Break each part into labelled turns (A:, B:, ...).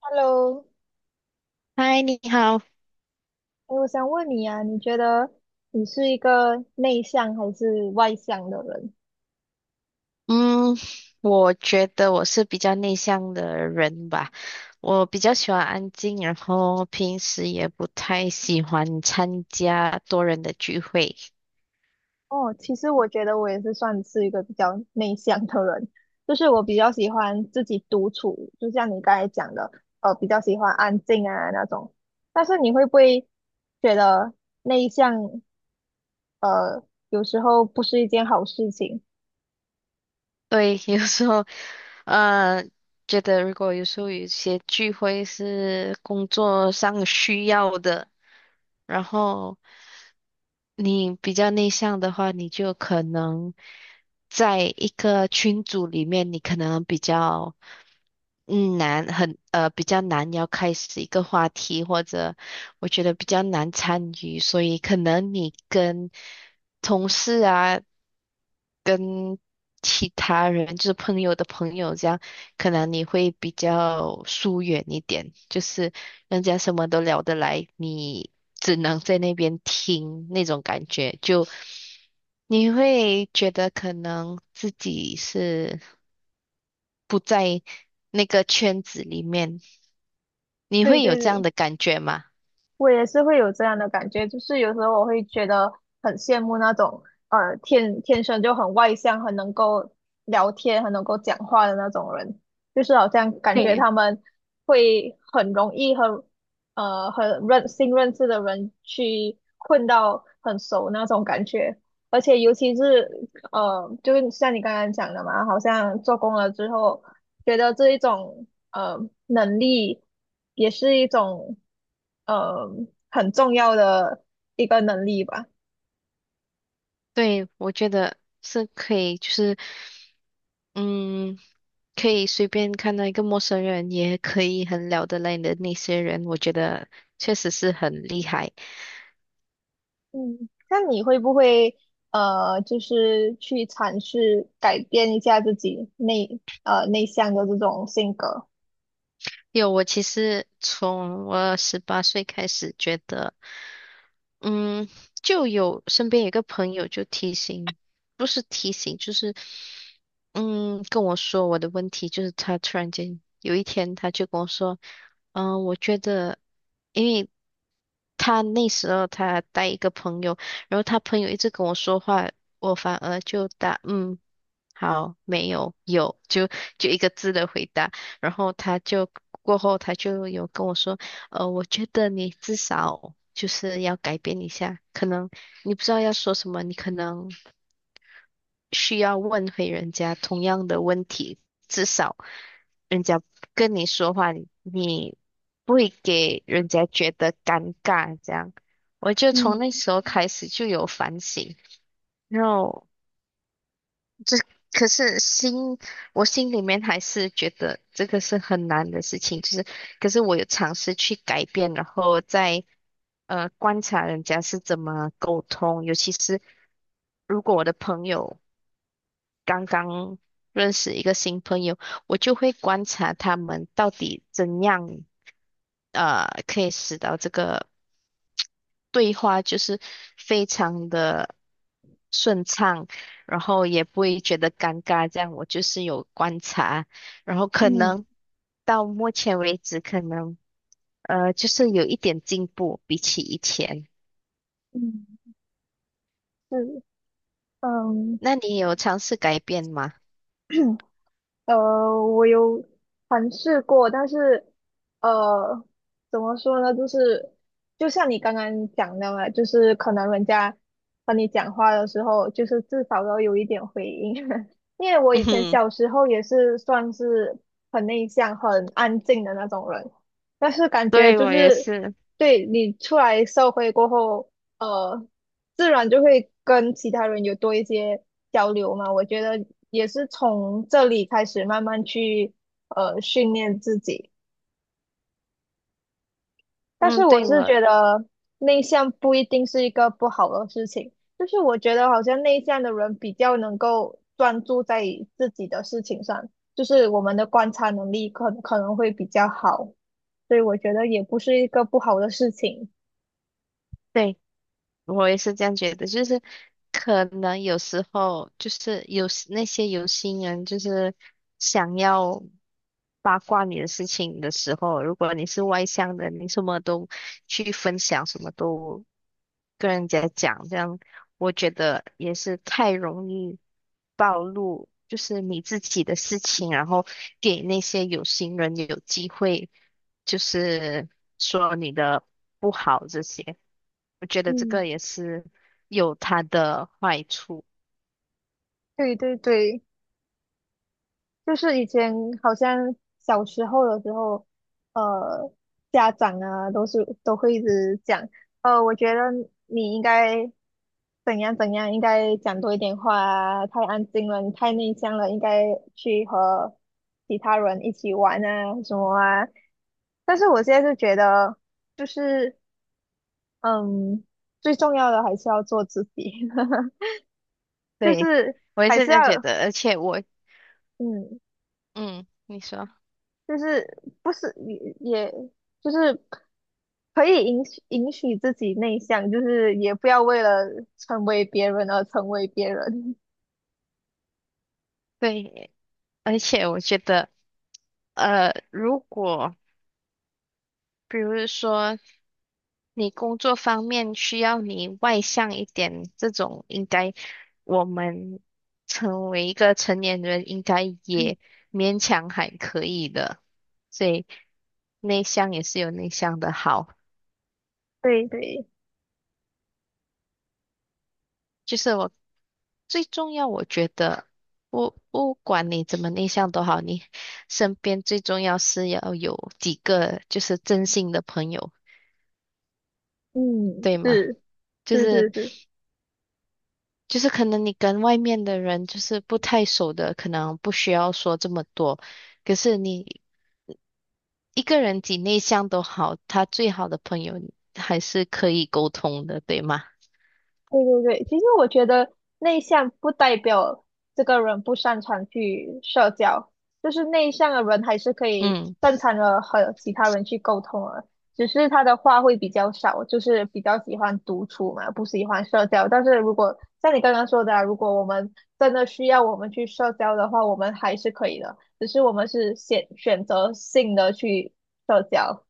A: Hello，
B: 嗨，你好。
A: 诶我想问你啊，你觉得你是一个内向还是外向的人？
B: 嗯，我觉得我是比较内向的人吧，我比较喜欢安静，然后平时也不太喜欢参加多人的聚会。
A: 哦，其实我觉得我也是算是一个比较内向的人，就是我比较喜欢自己独处，就像你刚才讲的，比较喜欢安静啊那种。但是你会不会觉得内向，呃，有时候不是一件好事情？
B: 对，有时候呃，觉得如果有时候有一些聚会是工作上需要的，然后你比较内向的话，你就可能在一个群组里面，你可能比较。比较难，要开始一个话题，或者我觉得比较难参与，所以可能你跟同事啊，跟其他人，就是朋友的朋友这样，可能你会比较疏远一点，就是人家什么都聊得来，你只能在那边听那种感觉，就你会觉得可能自己是不在那个圈子里面。你
A: 对
B: 会有
A: 对
B: 这样
A: 对。
B: 的感觉吗？
A: 我也是会有这样的感觉，就是有时候我会觉得很羡慕那种天天生就很外向、很能够聊天、很能够讲话的那种人，就是好像感觉他
B: 对
A: 们会很容易和很新认识的人去混到很熟那种感觉，而且尤其是就是像你刚刚讲的嘛，好像做工了之后，觉得这一种呃能力也是一种。呃很重要的一个能力吧。
B: 对，我觉得是可以，就是嗯，可以随便看到一个陌生人，也可以很聊得来的那些人，我觉得确实是很厉害。
A: 嗯，那你会不会就是去尝试改变一下自己内向的这种性格？
B: 有，我其实从我十八岁开始觉得。嗯，就有身边有个朋友就提醒，不是提醒，就是跟我说我的问题，就是他突然间有一天他就跟我说，嗯，我觉得因为他那时候他带一个朋友，然后他朋友一直跟我说话，我反而就答嗯。好，没有，有，就一个字的回答。然后他就有跟我说。我觉得你至少就是要改变一下，可能你不知道要说什么，你可能需要问回人家同样的问题，至少人家跟你说话，你不会给人家觉得尴尬，这样。我就从那
A: 嗯
B: 时候开始就有反省，然后可是心，我心里面还是觉得这个是很难的事情，就是，可是我有尝试去改变，然后再观察人家是怎么沟通，尤其是如果我的朋友刚刚认识一个新朋友，我就会观察他们到底怎样可以使到这个。对话就是非常的顺畅，然后也不会觉得尴尬。这样我就是有观察，然后可
A: 嗯
B: 能到目前为止，可能就是有一点进步，比起以前。
A: 嗯，是，嗯。
B: 那你有尝试改变吗？
A: 我有尝试过，但是，呃，怎么说呢？就是，就像你刚刚讲的嘛，就是可能人家和你讲话的时候，就是至少要有一点回应。因为我
B: 嗯
A: 以前
B: 哼，
A: 小时候也是算是很内向、很安静的那种人，但是感觉
B: 对，
A: 就
B: 我也
A: 是
B: 是。
A: 对你出来社会过后，呃，自然就会跟其他人有多一些交流嘛。我觉得也是从这里开始慢慢去训练自己。但
B: 嗯，
A: 是我
B: 对，
A: 是
B: 我
A: 觉得内向不一定是一个不好的事情，就是我觉得好像内向的人比较能够专注在自己的事情上，就是我们的观察能力可能会比较好，所以我觉得也不是一个不好的事情。
B: 对。我也是这样觉得，就是可能有时候就是有那些有心人，就是想要八卦你的事情的时候，如果你是外向的，你什么都去分享，什么都跟人家讲，这样我觉得也是太容易暴露，就是你自己的事情，然后给那些有心人有机会，就是说你的不好这些。我觉得这
A: 嗯，
B: 个也是有它的坏处。
A: 对对对。就是以前好像小时候的时候，呃，家长啊都会一直讲，我觉得你应该怎样怎样，应该讲多一点话啊，太安静了，你太内向了，应该去和其他人一起玩啊什么啊。但是我现在就觉得，就是嗯，最重要的还是要做自己，就
B: 对，
A: 是
B: 我也
A: 还
B: 是
A: 是
B: 这
A: 要
B: 样觉得，而且我，
A: 嗯
B: 嗯，你说，
A: 就是不是也就是可以允许自己内向，就是也不要为了成为别人而成为别人。
B: 对，而且我觉得，如果比如说你工作方面需要你外向一点，这种应该我们成为一个成年人，应该也勉强还可以的，所以内向也是有内向的好。
A: 对对，
B: 就是我最重要，我觉得不管你怎么内向都好，你身边最重要是要有几个就是真心的朋友，
A: 嗯，
B: 对吗？就是
A: 是，
B: 就是可能你跟外面的人就是不太熟的，可能不需要说这么多。可是你一个人几内向都好，他最好的朋友还是可以沟通的，对吗？
A: 对，其实我觉得内向不代表这个人不擅长去社交，就是内向的人还是可以
B: 嗯，
A: 正常的和其他人去沟通的，只是他的话会比较少，就是比较喜欢独处嘛，不喜欢社交。但是如果像你刚刚说的啊，如果我们真的需要我们去社交的话，我们还是可以的，只是我们是选择性的去社交。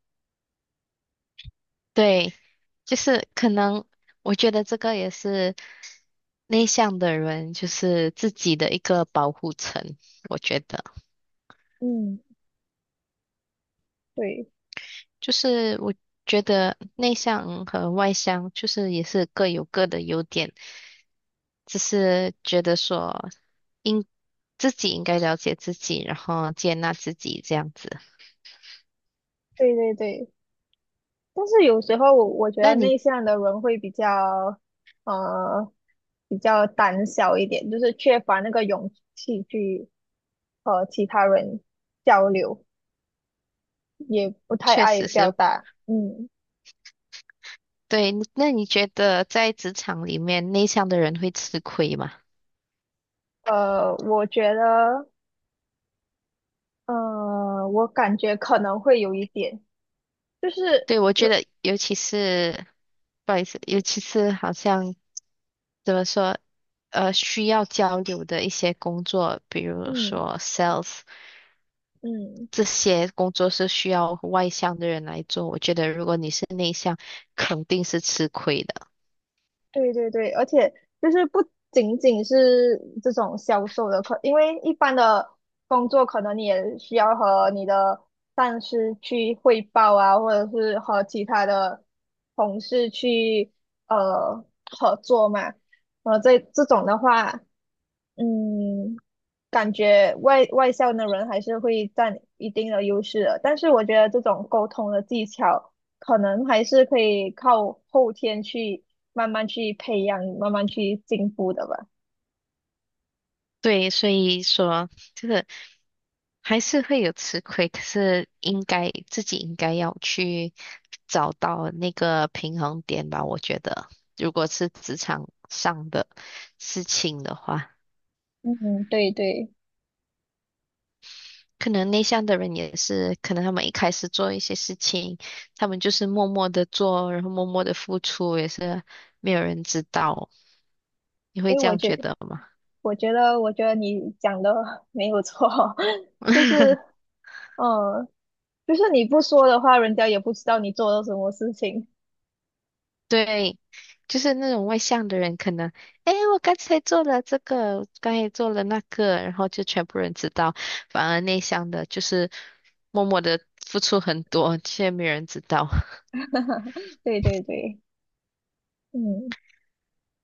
B: 对，就是可能我觉得这个也是。内向的人就是自己的一个保护层，我觉得，
A: 嗯，对
B: 就是我觉得内向和外向就是也是各有各的优点，只是觉得说应自己应该了解自己，然后接纳自己这样子。
A: 对对对。但是有时候我觉得
B: 那你
A: 内向的人会比较，呃，比较胆小一点，就是缺乏那个勇气去和其他人交流，也不太
B: 确
A: 爱
B: 实
A: 表
B: 是
A: 达。嗯，
B: 对，那你觉得在职场里面内向的人会吃亏吗？
A: 我觉得，我感觉可能会有一点，就是，
B: 对，我觉
A: 嗯
B: 得尤其是，不好意思，尤其是好像。怎么说，需要交流的一些工作，比如
A: 嗯。
B: 说 sales
A: 嗯
B: 这些工作是需要外向的人来做。我觉得如果你是内向，肯定是吃亏的。
A: 对对对，而且就是不仅仅是这种销售的课，因为一般的工作可能你也需要和你的上司去汇报啊，或者是和其他的同事去呃合作嘛。这这种的话，嗯，感觉外向的人还是会占一定的优势的，但是我觉得这种沟通的技巧，可能还是可以靠后天去慢慢去培养，慢慢去进步的吧。
B: 对，所以说这个还是会有吃亏，可是应该自己应该要去找到那个平衡点吧。我觉得，如果是职场上的事情的话。
A: 嗯，对对，
B: 可能内向的人也是，可能他们一开始做一些事情，他们就是默默的做，然后默默的付出，也是没有人知道。你会
A: 诶，
B: 这样觉得吗？
A: 我觉得你讲的 没有错，就是 嗯，就是你不说的话，人家也不知道你做了什么事情。
B: 对，就是那种外向的人，可能，哎，我刚才做了这个，我刚才做了那个，然后就全部人知道。反而内向的，就是默默的付出很多，却没有人知道。
A: 对对对，嗯，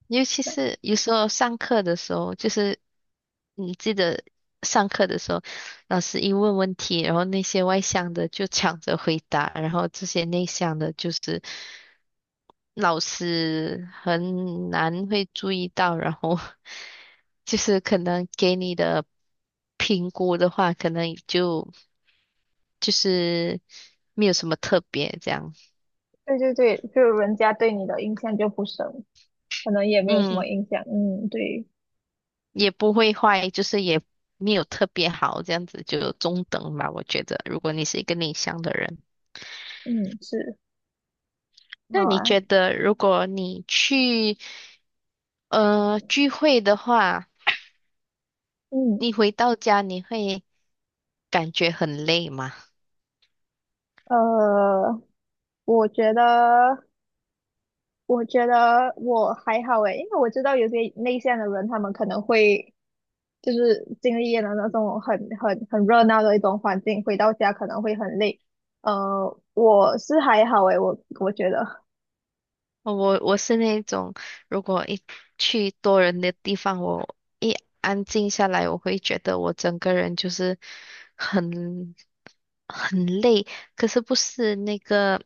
B: 尤其是有时候上课的时候，就是你记得上课的时候，老师一问问题，然后那些外向的就抢着回答，然后这些内向的，就是老师很难会注意到，然后 就是可能给你的评估的话，可能就是没有什么特别这样。
A: 对对对，就人家对你的印象就不深。可能也没有什
B: 嗯，
A: 么影响，嗯，对，
B: 也不会坏，就是也没有特别好，这样子就中等吧。我觉得，如果你是一个内向的人，
A: 嗯，是，
B: 那
A: 好
B: 你
A: 啊，
B: 觉得如果你去聚会的话，
A: 嗯，
B: 你回到家你会感觉很累吗？
A: 呃，我觉得，我觉得我还好诶，因为我知道有些内向的人，他们可能会就是经历了那种很热闹的一种环境，回到家可能会很累。我是还好诶，我觉得
B: 我是那种，如果一去多人的地方，我一安静下来，我会觉得我整个人就是很很累。可是不是那个。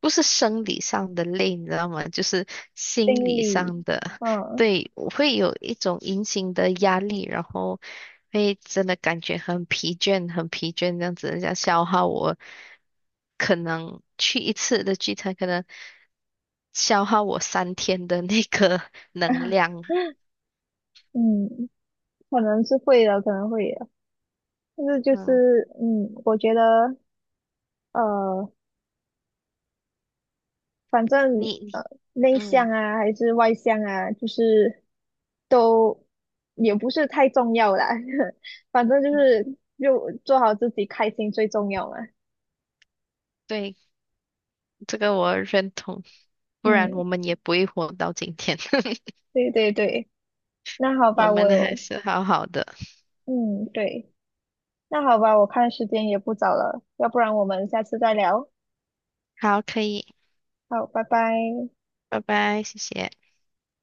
B: 不是生理上的累，你知道吗？就是心
A: 心
B: 理
A: 理，
B: 上的，
A: 嗯
B: 对，我会有一种隐形的压力，然后会真的感觉很疲倦，很疲倦，这样子，人家消耗我，可能去一次的聚餐，可能消耗我三天的那个 能 量。
A: 嗯，可能是会的，可能会的，但是就
B: 嗯，
A: 是，嗯，我觉得。呃，反正
B: 你
A: 呃，内向
B: 嗯，
A: 啊还是外向啊，就是都也不是太重要啦。反正就是就做好自己，开心最重要嘛。
B: 对，这个我认同，不然
A: 嗯，
B: 我们也不会活到今天，
A: 对对对，那好
B: 我
A: 吧，我
B: 们还
A: 有，
B: 是好好的。
A: 嗯，对，那好吧，我看时间也不早了，要不然我们下次再聊。
B: 好，可以，
A: 好，拜拜。
B: 拜拜，谢谢。